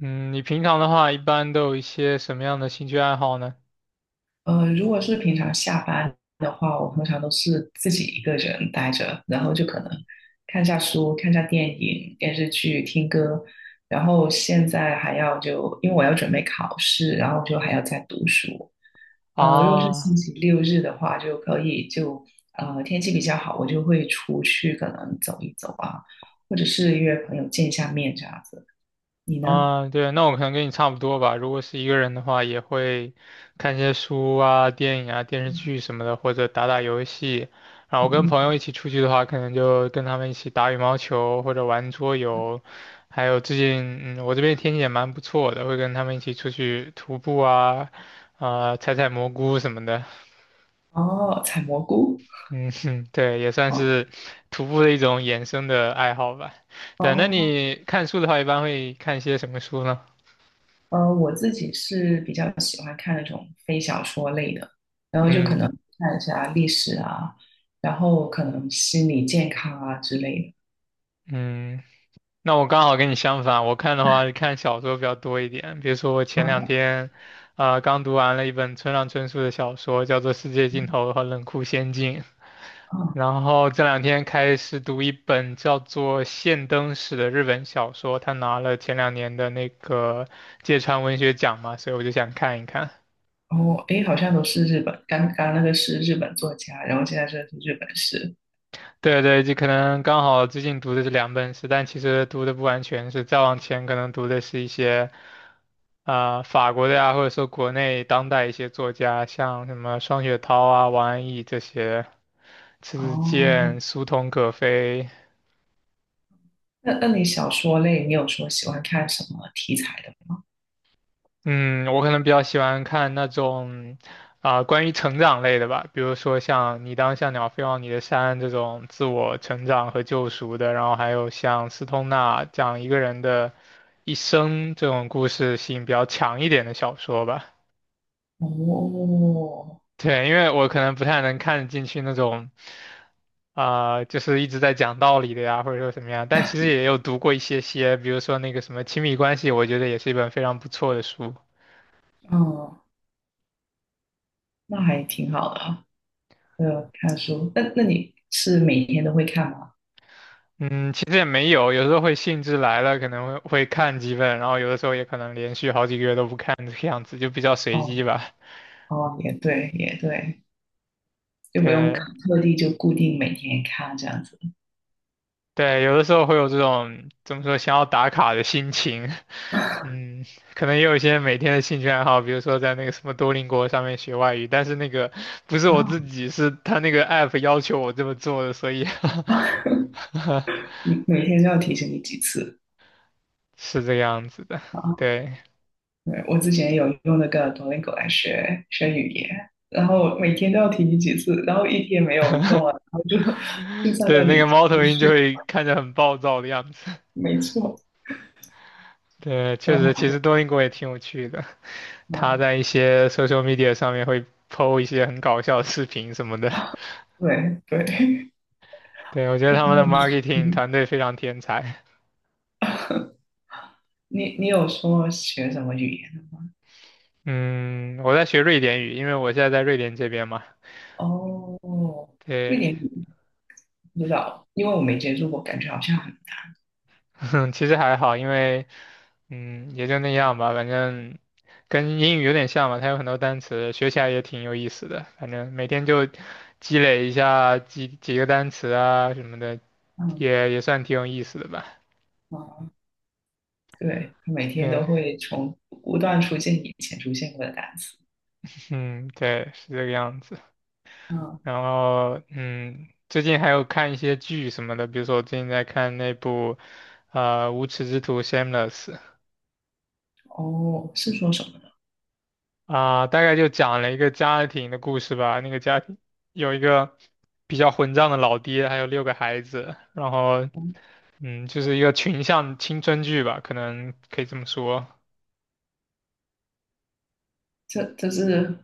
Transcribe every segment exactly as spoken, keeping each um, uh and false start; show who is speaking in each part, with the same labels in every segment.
Speaker 1: 嗯，你平常的话一般都有一些什么样的兴趣爱好呢？
Speaker 2: 呃，如果是平常下班的话，我通常都是自己一个人待着，然后就可能看下书、看下电影、电视剧、听歌，然后现在还要就因为我要准备考试，然后就还要再读书。呃，如果是星
Speaker 1: 啊
Speaker 2: 期六日的话，就可以就呃天气比较好，我就会出去可能走一走啊，或者是约朋友见一下面这样子。你呢？
Speaker 1: 啊，对，那我可能跟你差不多吧。如果是一个人的话，也会看些书啊、电影啊、电视剧什么的，或者打打游戏。然后跟朋友一
Speaker 2: 嗯。
Speaker 1: 起出去的话，可能就跟他们一起打羽毛球或者玩桌游。还有最近，嗯，我这边天气也蛮不错的，会跟他们一起出去徒步啊，啊、采采蘑菇什么的。
Speaker 2: 哦，采蘑菇。
Speaker 1: 嗯哼，对，也算是
Speaker 2: 哦
Speaker 1: 徒步的一种衍生的爱好吧。对，那
Speaker 2: 哦。
Speaker 1: 你看书的话，一般会看些什么书呢？
Speaker 2: 呃，我自己是比较喜欢看那种非小说类的，然后就可
Speaker 1: 嗯
Speaker 2: 能看一下历史啊，然后可能心理健康啊之类
Speaker 1: 嗯，那我刚好跟你相反，我看的话是看小说比较多一点。比如说我
Speaker 2: 的。
Speaker 1: 前两
Speaker 2: 啊
Speaker 1: 天，呃，刚读完了一本村上春树的小说，叫做《世界尽头和冷酷仙境》。
Speaker 2: 啊，
Speaker 1: 然后这两天开始读一本叫做《现灯史》的日本小说，他拿了前两年的那个芥川文学奖嘛，所以我就想看一看。
Speaker 2: 然后诶，好像都是日本，刚刚那个是日本作家，然后现在这个是日本诗。
Speaker 1: 对对，就可能刚好最近读的这两本是，但其实读的不完全是，再往前可能读的是一些啊、法国的呀，或者说国内当代一些作家，像什么双雪涛啊、王安忆这些，迟子
Speaker 2: 哦，
Speaker 1: 建、苏童可飞。
Speaker 2: 那那你小说类，你有说喜欢看什么题材的吗？
Speaker 1: 嗯，我可能比较喜欢看那种啊、关于成长类的吧，比如说像《你当像鸟飞往你的山》这种自我成长和救赎的，然后还有像斯通纳讲一个人的一生这种故事性比较强一点的小说吧。
Speaker 2: 哦，
Speaker 1: 对，因为我可能不太能看得进去那种啊、就是一直在讲道理的呀，或者说什么样，但其实也有读过一些些，比如说那个什么《亲密关系》，我觉得也是一本非常不错的书。
Speaker 2: 嗯，那还挺好的啊。呃，看书，那那你是每天都会看吗？
Speaker 1: 嗯，其实也没有，有时候会兴致来了，可能会会看几本，然后有的时候也可能连续好几个月都不看，这个样子就比较随机
Speaker 2: 哦。
Speaker 1: 吧。
Speaker 2: 哦，也对，也对，就不用
Speaker 1: 对
Speaker 2: 特地就固定每天看这样子
Speaker 1: 对，有的时候会有这种怎么说想要打卡的心情，嗯，可能也有一些每天的兴趣爱好，比如说在那个什么多邻国上面学外语，但是那个不是我自
Speaker 2: 啊。
Speaker 1: 己，是他那个 app 要求我这么做的，所以
Speaker 2: 每每天都要提醒你几次
Speaker 1: 是这个样子的。
Speaker 2: 啊。
Speaker 1: 对
Speaker 2: 对，我之前有用那个 D U O L I N G O 来学学语言，然后每天都要提醒几次，然后一天没有弄了，然后就 就在
Speaker 1: 对，
Speaker 2: 那
Speaker 1: 那个
Speaker 2: 里持
Speaker 1: 猫头鹰就
Speaker 2: 续，
Speaker 1: 会看着很暴躁的样子。
Speaker 2: 没错，
Speaker 1: 对，
Speaker 2: 说
Speaker 1: 确
Speaker 2: 的
Speaker 1: 实，
Speaker 2: 好
Speaker 1: 其实
Speaker 2: 多
Speaker 1: 多邻国也挺有趣的，他
Speaker 2: 啊。
Speaker 1: 在一些 social media 上面会 P O 一些很搞笑的视频什么的。
Speaker 2: 对对，
Speaker 1: 对，我觉 得
Speaker 2: 你
Speaker 1: 他
Speaker 2: 你
Speaker 1: 们的
Speaker 2: 有
Speaker 1: marketing
Speaker 2: 嗯
Speaker 1: 团队非常天才。
Speaker 2: 你你有说学什么语言的吗？
Speaker 1: 嗯，我在学瑞典语，因为我现在在瑞典这边嘛。
Speaker 2: 哦，瑞
Speaker 1: 对，
Speaker 2: 典语不知道，因为我没接触过，感觉好像很难。
Speaker 1: 其实还好，因为嗯也就那样吧，反正跟英语有点像嘛，它有很多单词，学起来也挺有意思的。反正每天就积累一下几几个单词啊什么的，
Speaker 2: 嗯
Speaker 1: 也也算挺有意思的吧。
Speaker 2: 嗯对，他每天都
Speaker 1: 对，
Speaker 2: 会从不断出现以前出现过的单词。
Speaker 1: 嗯，对，是这个样子。
Speaker 2: 嗯。
Speaker 1: 然后，嗯，最近还有看一些剧什么的，比如说我最近在看那部，呃，《无耻之徒》（Shameless）。
Speaker 2: 哦，是说什么呢？
Speaker 1: 啊、大概就讲了一个家庭的故事吧。那个家庭有一个比较混账的老爹，还有六个孩子，然后，
Speaker 2: 嗯，
Speaker 1: 嗯，就是一个群像青春剧吧，可能可以这么说。
Speaker 2: 这这是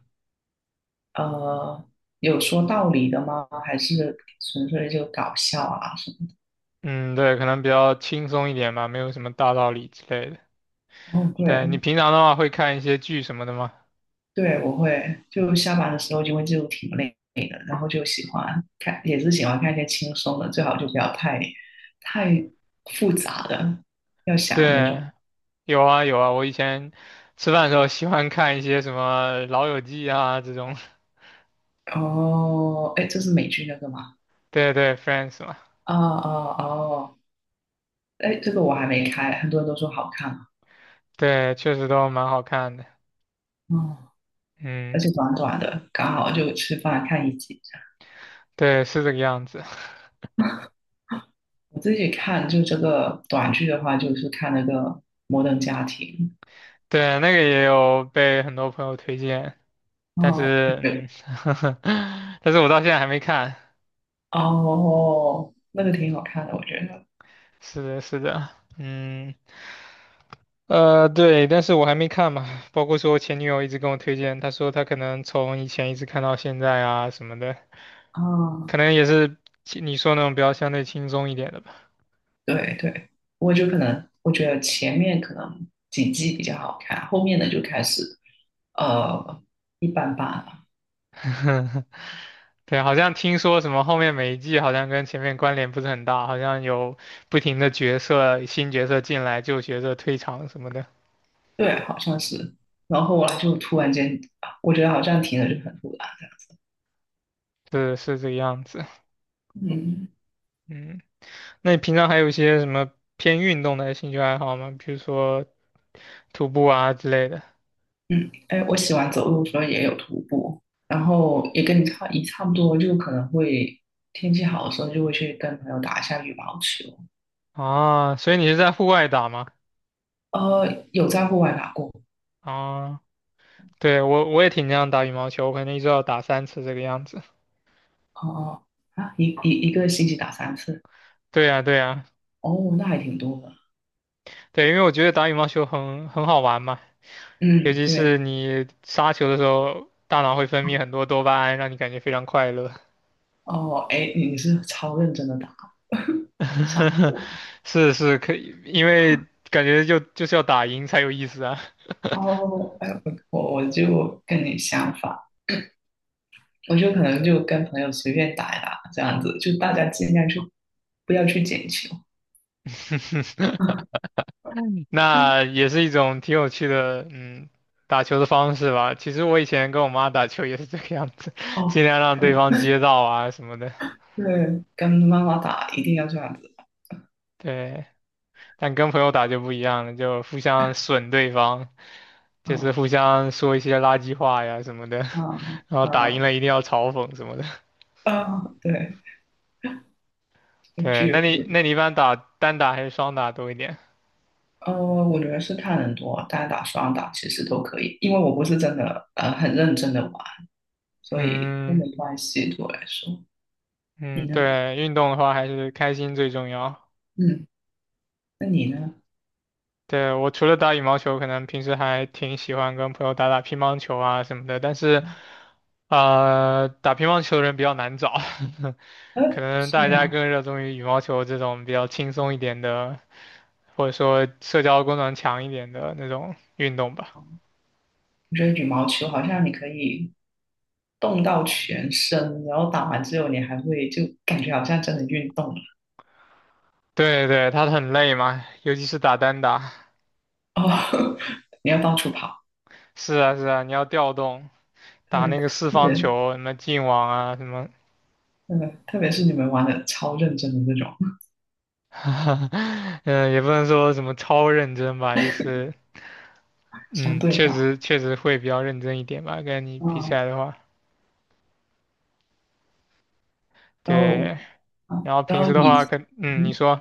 Speaker 2: 呃有说道理的吗？还是纯粹就搞笑啊什么的？
Speaker 1: 嗯，对，可能比较轻松一点吧，没有什么大道理之类的。
Speaker 2: 哦，对
Speaker 1: 对，你平常的话会看一些剧什么的吗？
Speaker 2: 对，我会就下班的时候，因为就挺累的，然后就喜欢看，也是喜欢看一些轻松的，最好就不要太太复杂的，要想的那种。
Speaker 1: 对，有啊有啊，我以前吃饭的时候喜欢看一些什么《老友记》啊这种，
Speaker 2: 哦，哎，这是美剧那个吗？
Speaker 1: 对对，Friends 嘛，
Speaker 2: 哦哦哦，哎，这个我还没开，很多人都说好看嘛。
Speaker 1: 对，确实都蛮好看的。
Speaker 2: 哦，
Speaker 1: 嗯，
Speaker 2: 而且短短的，刚好就吃饭看一集。
Speaker 1: 对，是这个样子。
Speaker 2: 我自己看就这个短剧的话，就是看那个《摩登家庭》。
Speaker 1: 对，那个也有被很多朋友推荐，但
Speaker 2: 哦，我
Speaker 1: 是
Speaker 2: 觉得，
Speaker 1: 嗯，但是我到现在还没看。
Speaker 2: 哦，那个挺好看的，我觉得。
Speaker 1: 是的，是的，嗯，呃，对，但是我还没看嘛，包括说我前女友一直跟我推荐，她说她可能从以前一直看到现在啊什么的，
Speaker 2: 哦，
Speaker 1: 可能也是你说那种比较相对轻松一点的吧。
Speaker 2: 对对，我就可能我觉得前面可能几季比较好看，后面的就开始呃一般般了。
Speaker 1: 对，好像听说什么后面每一季好像跟前面关联不是很大，好像有不停的角色、新角色进来，旧角色退场什么的，
Speaker 2: 对，好像是。然后后来就突然间，我觉得好像停了，就很突然
Speaker 1: 是是这个样子。
Speaker 2: 的嗯。
Speaker 1: 嗯，那你平常还有一些什么偏运动的兴趣爱好吗？比如说徒步啊之类的。
Speaker 2: 嗯，哎，我喜欢走路的时候也有徒步，然后也跟你差也差不多，就可能会天气好的时候就会去跟朋友打一下羽毛球。
Speaker 1: 啊，所以你是在户外打吗？
Speaker 2: 呃，有在户外打过。
Speaker 1: 啊，对，我我也挺经常打羽毛球，我可能一周要打三次这个样子。
Speaker 2: 哦哦，啊，一一一个星期打三次，
Speaker 1: 对呀，对呀，
Speaker 2: 哦，那还挺多的。
Speaker 1: 对，因为我觉得打羽毛球很很好玩嘛，尤
Speaker 2: 嗯，
Speaker 1: 其
Speaker 2: 对。
Speaker 1: 是你杀球的时候，大脑会分泌很多多巴胺，让你感觉非常快乐。
Speaker 2: 哦，哎，你你是超认真的打，吓死 我了。
Speaker 1: 是是，可以，因为感觉就就是要打赢才有意思啊。
Speaker 2: 哦，哎，我我我就跟你相反，我就可能就跟朋友随便打一打这样子，就大家尽量去不要去捡球。
Speaker 1: 那也是一种挺有趣的，嗯，打球的方式吧。其实我以前跟我妈打球也是这个样子，
Speaker 2: 哦。
Speaker 1: 尽量让对方接到啊什么的。
Speaker 2: 对，跟妈妈打一定要这样子。
Speaker 1: 对，但跟朋友打就不一样了，就互相损对方，就是互
Speaker 2: 啊
Speaker 1: 相说一些垃圾话呀什么的，
Speaker 2: 啊
Speaker 1: 然后打
Speaker 2: 啊
Speaker 1: 赢了一定要嘲讽什么的。
Speaker 2: 啊！对，
Speaker 1: 对，
Speaker 2: 聚
Speaker 1: 那你
Speaker 2: 会。
Speaker 1: 那你一般打单打还是双打多一点？
Speaker 2: 呃，我觉得是看人多，单打双打其实都可以，因为我不是真的呃很认真的玩，所以都
Speaker 1: 嗯
Speaker 2: 没关系对我来说。你
Speaker 1: 嗯，
Speaker 2: 呢？
Speaker 1: 对，运动的话还是开心最重要。
Speaker 2: 嗯，那你呢？
Speaker 1: 对，我除了打羽毛球，可能平时还挺喜欢跟朋友打打乒乓球啊什么的，但是，呃，打乒乓球的人比较难找，
Speaker 2: 呃，
Speaker 1: 可能
Speaker 2: 是
Speaker 1: 大家
Speaker 2: 啊，
Speaker 1: 更热衷于羽毛球这种比较轻松一点的，或者说社交功能强一点的那种运动吧。
Speaker 2: 我觉得羽毛球好像你可以动到全身，然后打完之后你还会就感觉好像真的运动了。
Speaker 1: 对对，它很累嘛，尤其是打单打。
Speaker 2: 哦，你要到处跑。
Speaker 1: 是啊是啊，你要调动，打
Speaker 2: 对，
Speaker 1: 那个四方
Speaker 2: 对，
Speaker 1: 球，什么进网啊什么，
Speaker 2: 真的，特别是你们玩的超认真的那种，
Speaker 1: 嗯也不能说什么超认真吧，就是。
Speaker 2: 相
Speaker 1: 嗯，
Speaker 2: 对
Speaker 1: 确
Speaker 2: 上，
Speaker 1: 实确实会比较认真一点吧，跟你比起
Speaker 2: 嗯，
Speaker 1: 来的话，
Speaker 2: 然后，
Speaker 1: 对。
Speaker 2: 啊，
Speaker 1: 然后
Speaker 2: 然
Speaker 1: 平
Speaker 2: 后
Speaker 1: 时的
Speaker 2: 以，
Speaker 1: 话，跟嗯，你
Speaker 2: 嗯，
Speaker 1: 说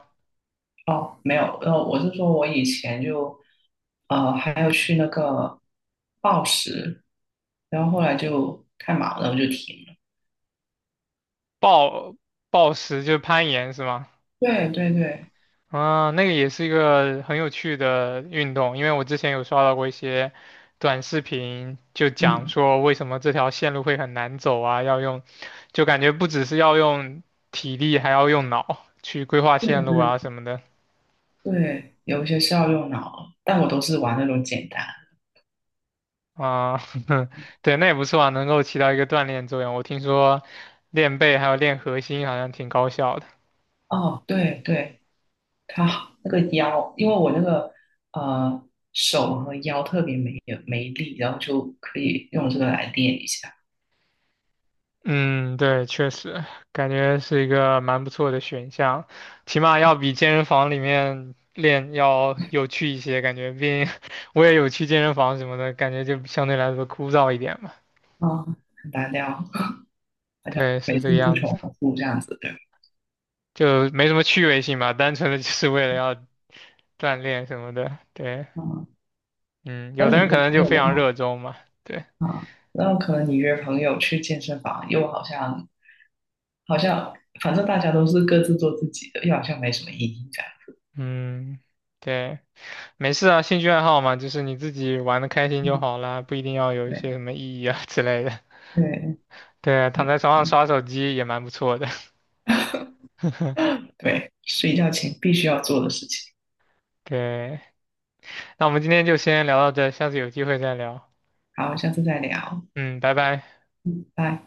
Speaker 2: 哦，没有，然后我是说我以前就，呃，还有去那个报时，然后后来就太忙了，我就停了。
Speaker 1: 暴暴食就是攀岩是吗？
Speaker 2: 对对对。
Speaker 1: 啊，那个也是一个很有趣的运动，因为我之前有刷到过一些短视频，就讲
Speaker 2: 嗯，
Speaker 1: 说为什么这条线路会很难走啊，要用，就感觉不只是要用体力，还要用脑去规划
Speaker 2: 对
Speaker 1: 线路
Speaker 2: 对
Speaker 1: 啊什么的。
Speaker 2: 对，有一些是要用脑，但我都是玩那种简单。
Speaker 1: 啊，对，那也不错啊，能够起到一个锻炼作用。我听说练背还有练核心好像挺高效的。
Speaker 2: 哦，对对，他好那个腰，因为我那个呃手和腰特别没有没力，然后就可以用这个来练一下。
Speaker 1: 嗯，对，确实感觉是一个蛮不错的选项，起码要比健身房里面练要有趣一些，感觉。毕竟 我也有去健身房什么的，感觉就相对来说枯燥一点嘛。
Speaker 2: 啊、很单调，好像
Speaker 1: 对，是
Speaker 2: 每
Speaker 1: 这
Speaker 2: 次
Speaker 1: 个
Speaker 2: 都是
Speaker 1: 样子，
Speaker 2: 重复这样子的。
Speaker 1: 就没什么趣味性嘛，单纯的就是为了要锻炼什么的。对，
Speaker 2: 啊、
Speaker 1: 嗯，
Speaker 2: 那
Speaker 1: 有的
Speaker 2: 你
Speaker 1: 人可
Speaker 2: 约
Speaker 1: 能
Speaker 2: 朋
Speaker 1: 就
Speaker 2: 友
Speaker 1: 非
Speaker 2: 的
Speaker 1: 常
Speaker 2: 话，
Speaker 1: 热衷嘛。对。
Speaker 2: 啊、那可能你约朋友去健身房，又好像好像反正大家都是各自做自己的，又好像没什么意义这样。
Speaker 1: 嗯，对，没事啊，兴趣爱好嘛，就是你自己玩的开心就
Speaker 2: 嗯，
Speaker 1: 好啦，不一定要有一
Speaker 2: 对
Speaker 1: 些什么意义啊之类的。
Speaker 2: 对，
Speaker 1: 对啊，躺
Speaker 2: 也
Speaker 1: 在床上
Speaker 2: 是
Speaker 1: 刷手机也蛮不错的。
Speaker 2: 对，睡觉前必须要做的事情。
Speaker 1: 对，那我们今天就先聊到这，下次有机会再聊。
Speaker 2: 好，下次再聊，
Speaker 1: 嗯，拜拜。
Speaker 2: 嗯，拜。